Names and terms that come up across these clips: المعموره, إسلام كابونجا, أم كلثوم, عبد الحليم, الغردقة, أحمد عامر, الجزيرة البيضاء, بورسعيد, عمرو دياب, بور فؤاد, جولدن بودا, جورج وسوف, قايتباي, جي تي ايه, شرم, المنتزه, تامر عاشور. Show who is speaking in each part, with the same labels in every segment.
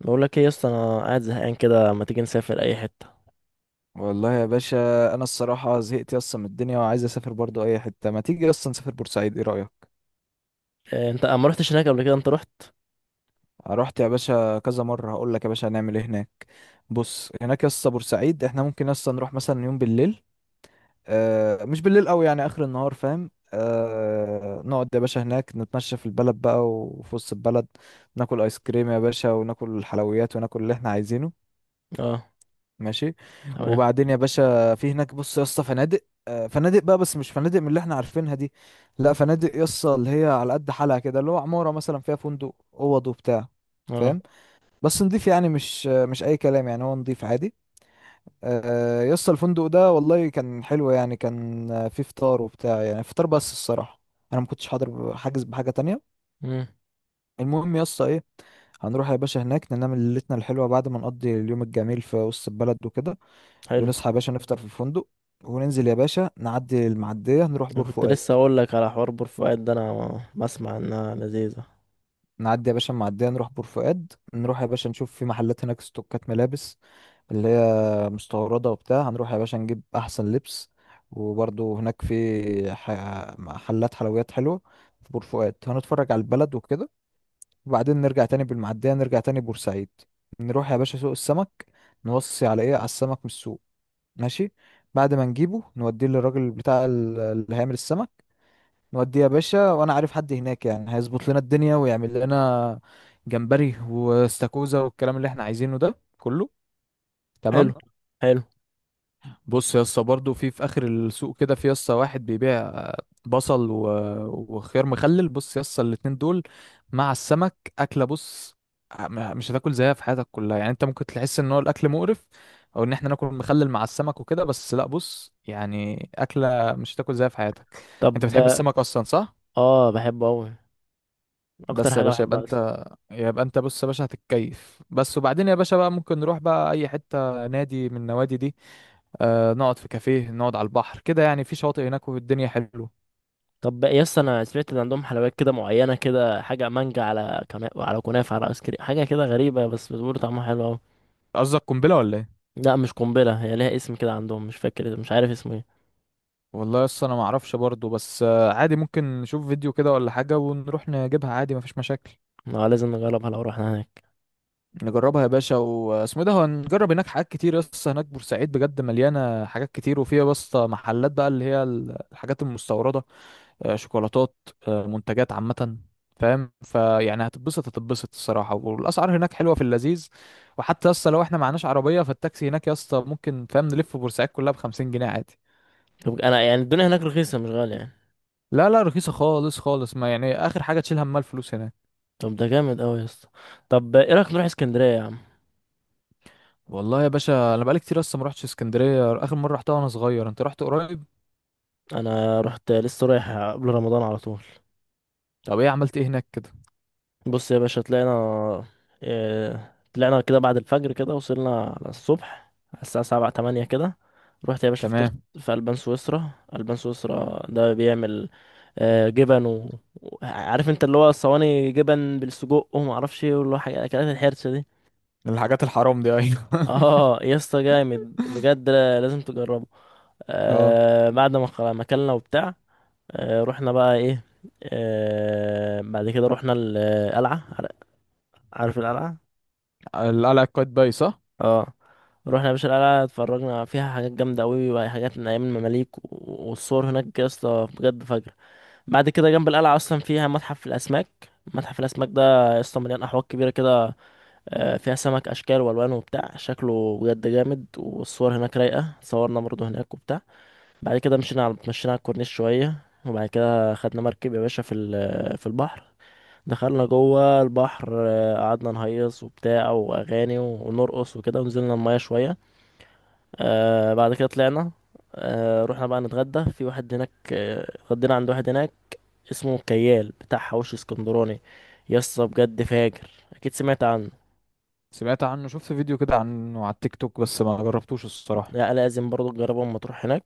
Speaker 1: بقول لك ايه يا اسطى، انا قاعد زهقان كده، ما تيجي نسافر اي حته؟
Speaker 2: والله يا باشا. انا الصراحه زهقت اصلا من الدنيا وعايز اسافر برضو اي حته، ما تيجي اصلا نسافر بورسعيد؟ ايه رايك؟
Speaker 1: إيه، انت ما رحتش هناك قبل كده؟ انت رحت؟
Speaker 2: رحت يا باشا كذا مره. هقول لك يا باشا هنعمل ايه هناك. بص هناك يا اسطى بورسعيد احنا ممكن اصلا نروح مثلا يوم بالليل. مش بالليل قوي، يعني اخر النهار، فاهم؟ نقعد يا باشا هناك، نتمشى في البلد بقى وفي وسط البلد. ناكل ايس كريم يا باشا، وناكل الحلويات، وناكل اللي احنا عايزينه.
Speaker 1: اه.
Speaker 2: ماشي.
Speaker 1: تمام.
Speaker 2: وبعدين يا باشا في هناك، بص يا اسطى فنادق، فنادق بقى، بس مش فنادق من اللي احنا عارفينها دي. لا فنادق يا اسطى اللي هي على قد حالها كده، اللي هو عمارة مثلا فيها فندق، اوض وبتاع.
Speaker 1: اه.
Speaker 2: فاهم؟ بس نضيف، يعني مش اي كلام، يعني هو نضيف عادي. يا اسطى الفندق ده والله كان حلو، يعني كان فيه فطار وبتاع، يعني فطار بس. الصراحة انا ما كنتش حاضر، حاجز بحاجة تانية.
Speaker 1: امم
Speaker 2: المهم يا اسطى ايه. هنروح يا باشا هناك ننام ليلتنا الحلوة بعد ما نقضي اليوم الجميل في وسط البلد وكده.
Speaker 1: حلو.
Speaker 2: ونصحى يا باشا نفطر في الفندق. وننزل يا باشا نعدي المعدية نروح
Speaker 1: انا
Speaker 2: بور
Speaker 1: كنت
Speaker 2: فؤاد.
Speaker 1: لسه اقول لك على حوار بورفؤاد ده، انا بسمع انها لذيذه.
Speaker 2: نعدي يا باشا المعدية نروح بور فؤاد، نروح يا باشا نشوف في محلات هناك ستوكات ملابس اللي هي مستوردة وبتاع. هنروح يا باشا نجيب أحسن لبس. وبرضه هناك في محلات حلويات حلوة في بور فؤاد. هنتفرج على البلد وكده. وبعدين نرجع تاني بالمعدية، نرجع تاني بورسعيد. نروح يا باشا سوق السمك، نوصي على ايه، على السمك من السوق. ماشي. بعد ما نجيبه نوديه للراجل بتاع اللي هيعمل السمك. نودي يا باشا، وانا عارف حد هناك يعني هيظبط لنا الدنيا، ويعمل لنا جمبري واستاكوزا والكلام اللي احنا عايزينه ده كله. تمام.
Speaker 1: حلو، حلو.
Speaker 2: بص يا اسطى برضه في اخر السوق كده، في يا اسطى واحد بيبيع بصل وخيار مخلل. بص يا اسطى الاتنين دول مع السمك اكله. بص، مش هتاكل زيها في حياتك كلها. يعني انت ممكن تحس ان هو الاكل مقرف، او ان احنا ناكل مخلل مع السمك وكده، بس لا، بص يعني اكله مش هتاكل زيها في حياتك. انت
Speaker 1: طب،
Speaker 2: بتحب السمك اصلا صح؟
Speaker 1: اه بحبه قوي، اكتر
Speaker 2: بس يا
Speaker 1: حاجه
Speaker 2: باشا يبقى
Speaker 1: بحبها اصلا.
Speaker 2: انت، يبقى انت بص يا باشا هتتكيف بس. وبعدين يا باشا بقى ممكن نروح بقى اي حتة نادي من النوادي دي. نقعد في كافيه، نقعد على البحر كده، يعني في شواطئ هناك والدنيا حلوه.
Speaker 1: طب يا اسطى، انا سمعت ان عندهم حلويات كده معينه، كده حاجه مانجا على على كنافه على ايس كريم، حاجه كده غريبه بس بتقول طعمها حلو قوي.
Speaker 2: قصدك قنبلة ولا ايه؟
Speaker 1: لا مش قنبله، هي ليها اسم كده عندهم، مش فاكر، مش عارف اسمه ايه.
Speaker 2: والله لسه انا ما اعرفش برضه، بس عادي ممكن نشوف فيديو كده ولا حاجة ونروح نجيبها عادي، مفيش مشاكل.
Speaker 1: لازم نجربها لو رحنا هناك.
Speaker 2: نجربها يا باشا واسمه ده، هنجرب هناك حاجات كتير. لسه هناك بورسعيد بجد مليانة حاجات كتير، وفيها بس محلات بقى اللي هي الحاجات المستوردة. شوكولاتات، منتجات عامة. فاهم؟ فيعني هتتبسط هتتبسط الصراحة، والأسعار هناك حلوة في اللذيذ. وحتى يسطا لو احنا معناش عربية، فالتاكسي هناك يسطا ممكن فاهم نلف بورسعيد كلها بخمسين جنيه عادي.
Speaker 1: طب انا يعني الدنيا هناك رخيصه مش غاليه يعني؟
Speaker 2: لا لا رخيصة خالص خالص، ما يعني آخر حاجة تشيل همها الفلوس هناك.
Speaker 1: طب ده جامد قوي يا اسطى. طب ايه رايك نروح اسكندريه يا عم؟
Speaker 2: والله يا باشا أنا بقالي كتير لسه ما روحتش اسكندرية، آخر مرة رحتها وأنا صغير، أنت رحت قريب.
Speaker 1: انا رحت لسه، رايح قبل رمضان على طول.
Speaker 2: طب إيه عملت إيه هناك كده؟
Speaker 1: بص يا باشا، طلعنا كده بعد الفجر كده، وصلنا على الصبح على الساعه 7 8 كده. رحت يا باشا فطرت
Speaker 2: تمام.
Speaker 1: في البان سويسرا. البان سويسرا ده بيعمل جبن عارف انت اللي هو الصواني جبن بالسجق، وما اعرفش ايه، واللي هو حاجه اكلات الحرشه دي.
Speaker 2: الحاجات الحرام دي، أيوة
Speaker 1: اه يا اسطى جامد بجد، لازم تجربه.
Speaker 2: اه.
Speaker 1: بعد ما ما اكلنا وبتاع. رحنا بقى ايه. بعد كده رحنا القلعة. عارف القلعة؟
Speaker 2: القلعة قايتباي صح؟
Speaker 1: اه. رحنا يا باشا القلعة، اتفرجنا فيها حاجات جامدة قوي وحاجات من ايام المماليك، والصور هناك يا اسطى بجد فجر. بعد كده جنب القلعة اصلا فيها متحف الاسماك. متحف الاسماك ده يا اسطى مليان احواض كبيرة كده، فيها سمك اشكال والوان وبتاع، شكله بجد جامد، والصور هناك رايقة، صورنا برضه هناك وبتاع. بعد كده مشينا على الكورنيش شوية، وبعد كده خدنا مركب يا باشا في في البحر. دخلنا البحر، قعدنا نهيص وبتاع، وأغاني ونرقص وكده، ونزلنا المية شوية. بعد كده طلعنا. رحنا بقى نتغدى في واحد هناك، اتغدينا عند واحد هناك اسمه كيال، بتاع حواوشي اسكندراني. يسطا بجد فاجر، أكيد سمعت عنه.
Speaker 2: سمعت عنه، شفت فيديو كده عنه على التيك توك، بس ما جربتوش الصراحة.
Speaker 1: لا، لازم برضه تجربه لما تروح هناك.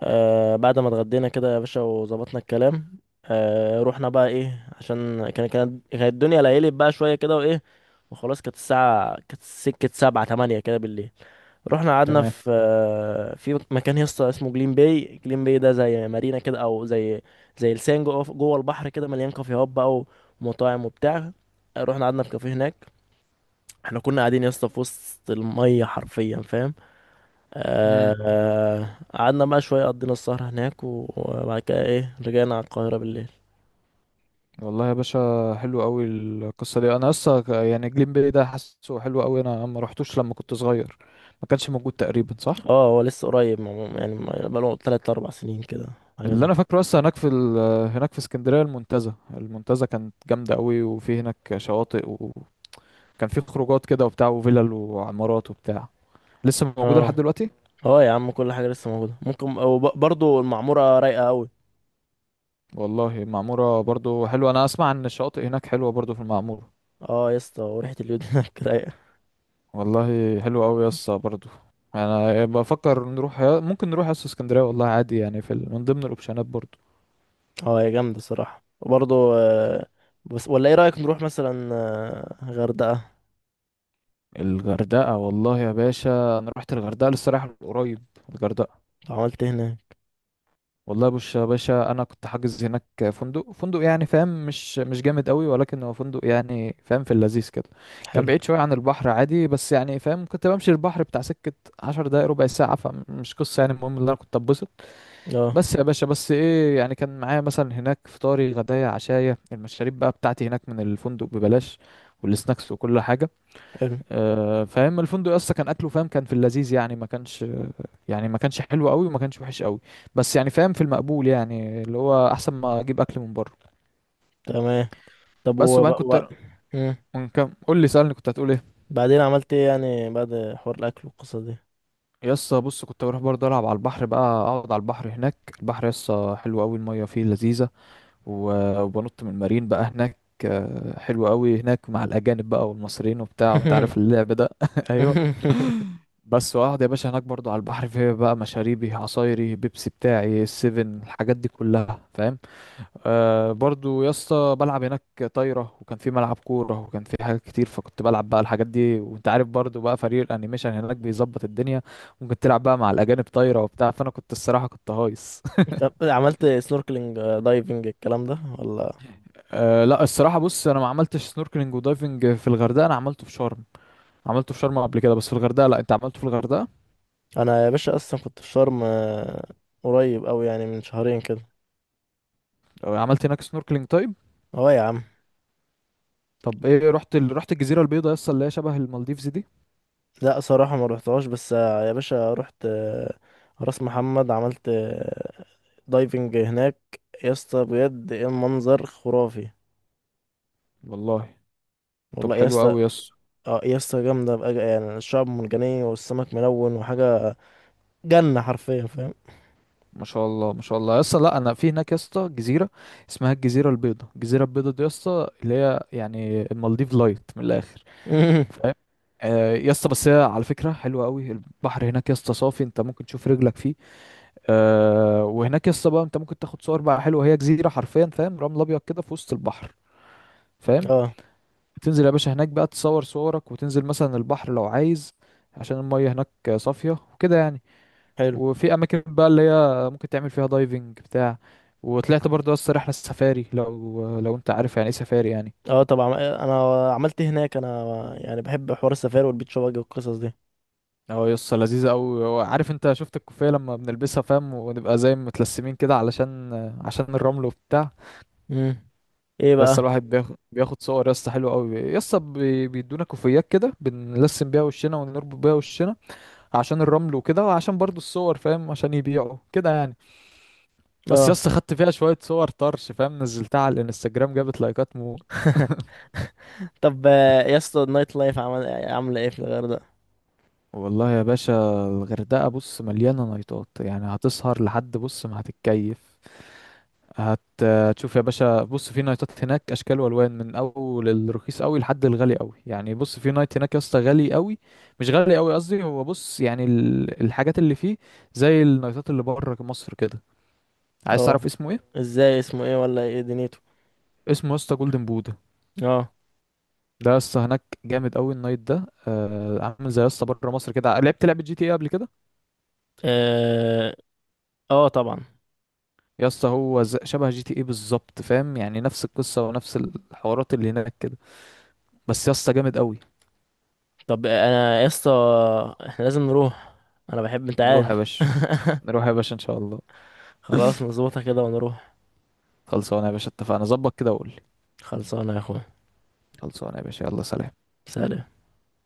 Speaker 1: بعد ما اتغدينا كده يا باشا وظبطنا الكلام، رحنا بقى ايه عشان كانت الدنيا ليلت بقى شويه كده وايه، وخلاص، كانت الساعه، كانت سكه 7 8 كده بالليل. رحنا قعدنا
Speaker 2: تمام.
Speaker 1: في في مكان يسطا اسمه جليم باي. جليم باي ده زي مارينا كده، او زي لسان جوه البحر كده، مليان كافيهات بقى ومطاعم وبتاع. رحنا قعدنا في كافيه هناك. احنا كنا قاعدين يسطا في وسط الميه حرفيا، فاهم؟
Speaker 2: امم
Speaker 1: قعدنا بقى شوية، قضينا السهرة هناك، وبعد كده ايه، رجعنا على القاهرة بالليل.
Speaker 2: والله يا باشا، حلو قوي القصه دي. انا اصلا يعني جليم بي ده حاسه حلو قوي، انا ما رحتوش لما كنت صغير، ما كانش موجود تقريبا صح؟
Speaker 1: اه هو لسه قريب عموما، يعني بقاله 3 4 سنين كده، حاجة
Speaker 2: اللي
Speaker 1: زي
Speaker 2: انا
Speaker 1: كده.
Speaker 2: فاكره اصلا هناك هناك في اسكندريه المنتزه. المنتزه كانت جامده قوي، وفي هناك شواطئ، وكان في خروجات كده وبتاع، وفلل وعمارات وبتاع. لسه موجوده لحد
Speaker 1: اه.
Speaker 2: دلوقتي؟
Speaker 1: اه يا عم، كل حاجة لسه موجودة ممكن، وبرضه المعمورة رايقة أوي.
Speaker 2: والله المعموره برضو حلوه، انا اسمع ان الشواطئ هناك حلوه برضو في المعموره.
Speaker 1: اه يا اسطى، وريحة اليود هناك رايقة.
Speaker 2: والله حلو قوي يا اسطى برضه. انا بفكر نروح، ممكن نروح يا اسطى اسكندريه، والله عادي يعني من ضمن الاوبشنات برضه.
Speaker 1: اه هي جامدة الصراحة، وبرضه بس ولا ايه رأيك نروح مثلا غردقة؟
Speaker 2: الغردقه، والله يا باشا انا رحت الغردقه لسه رايح قريب. الغردقه،
Speaker 1: لو عملت إيه هناك؟
Speaker 2: والله بص يا باشا انا كنت حاجز هناك فندق يعني فاهم، مش جامد قوي، ولكن هو فندق يعني فاهم في اللذيذ كده. كان
Speaker 1: حلو.
Speaker 2: بعيد شويه عن البحر، عادي، بس يعني فاهم كنت بمشي البحر بتاع سكه 10 دقايق ربع ساعه، فمش قصه. يعني المهم ان انا كنت اتبسط.
Speaker 1: اه.
Speaker 2: بس يا باشا بس ايه، يعني كان معايا مثلا هناك فطاري غدايا عشايا، المشاريب بقى بتاعتي هناك من الفندق ببلاش، والسناكس وكل حاجة.
Speaker 1: حلو.
Speaker 2: فاهم الفندق اصلا كان اكله، فاهم كان في اللذيذ، يعني ما كانش حلو قوي، وما كانش وحش قوي، بس يعني فاهم في المقبول، يعني اللي هو احسن ما اجيب اكل من بره.
Speaker 1: تمام. طب
Speaker 2: بس وبعدين
Speaker 1: و...
Speaker 2: كنت، من كام قول لي سألني كنت هتقول ايه؟
Speaker 1: بعدين عملت ايه يعني، بعد حوار الاكل والقصة دي؟
Speaker 2: يسا بص كنت بروح برضه العب على البحر بقى، اقعد على البحر هناك، البحر يسا حلو قوي، المية فيه لذيذة، وبنط من المارين بقى هناك. حلو قوي هناك مع الأجانب بقى والمصريين وبتاع، وانت عارف اللعب ده ايوه.
Speaker 1: لا.
Speaker 2: بس واقعد يا باشا هناك برضو على البحر، في بقى مشاريبي، عصايري، بيبسي بتاعي، السيفن، الحاجات دي كلها فاهم. برضو يا اسطى بلعب هناك طايرة، وكان في ملعب كورة، وكان في حاجات كتير، فكنت بلعب بقى الحاجات دي، وانت عارف برضو بقى فريق الانيميشن هناك بيظبط الدنيا، ممكن تلعب بقى مع الأجانب طايرة وبتاع، فأنا كنت الصراحة كنت هايص.
Speaker 1: لا، طب عملت سنوركلينج دايفنج الكلام ده ولا؟
Speaker 2: لا الصراحة بص أنا ما عملتش سنوركلينج ودايفنج في الغردقة، أنا عملته في شرم. عملته في شرم قبل كده، بس في الغردقة لا. أنت عملته في الغردقة؟
Speaker 1: انا يا باشا اصلا كنت في شرم، قريب قوي يعني، من شهرين كده.
Speaker 2: عملت هناك سنوركلينج طيب.
Speaker 1: اه يا عم.
Speaker 2: طب إيه رحت رحت الجزيرة البيضاء يس، اللي هي شبه المالديفز دي؟
Speaker 1: لا صراحة ما روحتهاش، بس يا باشا رحت راس محمد، عملت دايفنج هناك. يا اسطى بجد ايه المنظر خرافي.
Speaker 2: والله طب
Speaker 1: والله يا
Speaker 2: حلو
Speaker 1: اسطى.
Speaker 2: أوي يس.
Speaker 1: اه يا اسطى جامدة بقى، يعني الشعب مرجانية والسمك ملون وحاجة، جنة حرفيا فاهم.
Speaker 2: ما شاء الله ما شاء الله يس. لا أنا في هناك يس جزيرة اسمها الجزيرة البيضاء. الجزيرة البيضاء دي يس اللي هي يعني المالديف لايت من الآخر، فاهم؟ يا اسطى بس هي على فكرة حلوة قوي، البحر هناك يا اسطى صافي، انت ممكن تشوف رجلك فيه. وهناك يسطا بقى انت ممكن تاخد صور بقى حلوه، هي جزيره حرفيا فاهم، رمل ابيض كده في وسط البحر، فاهم؟
Speaker 1: اه.
Speaker 2: تنزل يا باشا هناك بقى تصور صورك، وتنزل مثلا البحر لو عايز، عشان المية هناك صافية وكده يعني.
Speaker 1: حلو.
Speaker 2: وفي أماكن بقى اللي هي ممكن تعمل فيها دايفنج بتاع. وطلعت برضه يسطا رحلة سفاري، لو انت عارف يعني ايه سفاري يعني.
Speaker 1: اه طبعا. انا عملت إيه هناك انا، يعني بحب حوار السفاري والبيتش باجي والقصص دي.
Speaker 2: اه يسطا لذيذة أوي. عارف انت شفت الكوفية لما بنلبسها فاهم، ونبقى زي متلسمين كده، عشان الرمل وبتاع.
Speaker 1: امم ايه
Speaker 2: يسطا
Speaker 1: بقى.
Speaker 2: الواحد بياخد صور يسطا حلوة قوي. يسطا بيدونا كوفيات كده بنلسم بيها وشنا، ونربط بيها وشنا عشان الرمل وكده، وعشان برضو الصور فاهم عشان يبيعوا كده يعني. بس
Speaker 1: اه.
Speaker 2: يسطا خدت فيها شوية صور طرش فاهم، نزلتها على الانستجرام جابت لايكات مو.
Speaker 1: طب يا اسطى النايت لايف عمل عامله ايه في الغردقه؟
Speaker 2: والله يا باشا الغردقة بص مليانة نايتات، يعني هتسهر لحد بص ما هتتكيف. هتشوف يا باشا بص في نايتات هناك اشكال والوان، من اول الرخيص قوي لحد الغالي قوي. يعني بص في نايت هناك يا اسطى غالي قوي، مش غالي قوي قصدي، هو بص يعني الحاجات اللي فيه زي النايتات اللي بره مصر كده. عايز
Speaker 1: اه.
Speaker 2: تعرف اسمه ايه؟
Speaker 1: ازاي، اسمه ايه ولا ايه دنيته؟
Speaker 2: اسمه يا اسطى جولدن بودا.
Speaker 1: اه.
Speaker 2: ده يا اسطى هناك جامد قوي النايت ده، عامل زي يا اسطى بره مصر كده. لعبت لعبه GTA قبل كده؟
Speaker 1: اه. آه طبعا.
Speaker 2: يا اسطى هو شبه GTA بالظبط فاهم، يعني نفس القصه ونفس الحوارات اللي هناك كده، بس يا اسطى جامد قوي.
Speaker 1: طب انا يا اسطى، احنا لازم نروح، انا بحب، انت
Speaker 2: نروح يا
Speaker 1: عارف.
Speaker 2: باشا. نروح يا باشا ان شاء الله.
Speaker 1: خلاص نظبطها كده ونروح.
Speaker 2: خلصانه يا باشا اتفقنا، ظبط كده وقول لي.
Speaker 1: خلصانه يا اخويا.
Speaker 2: خلصانه يا باشا، يلا سلام.
Speaker 1: سلام.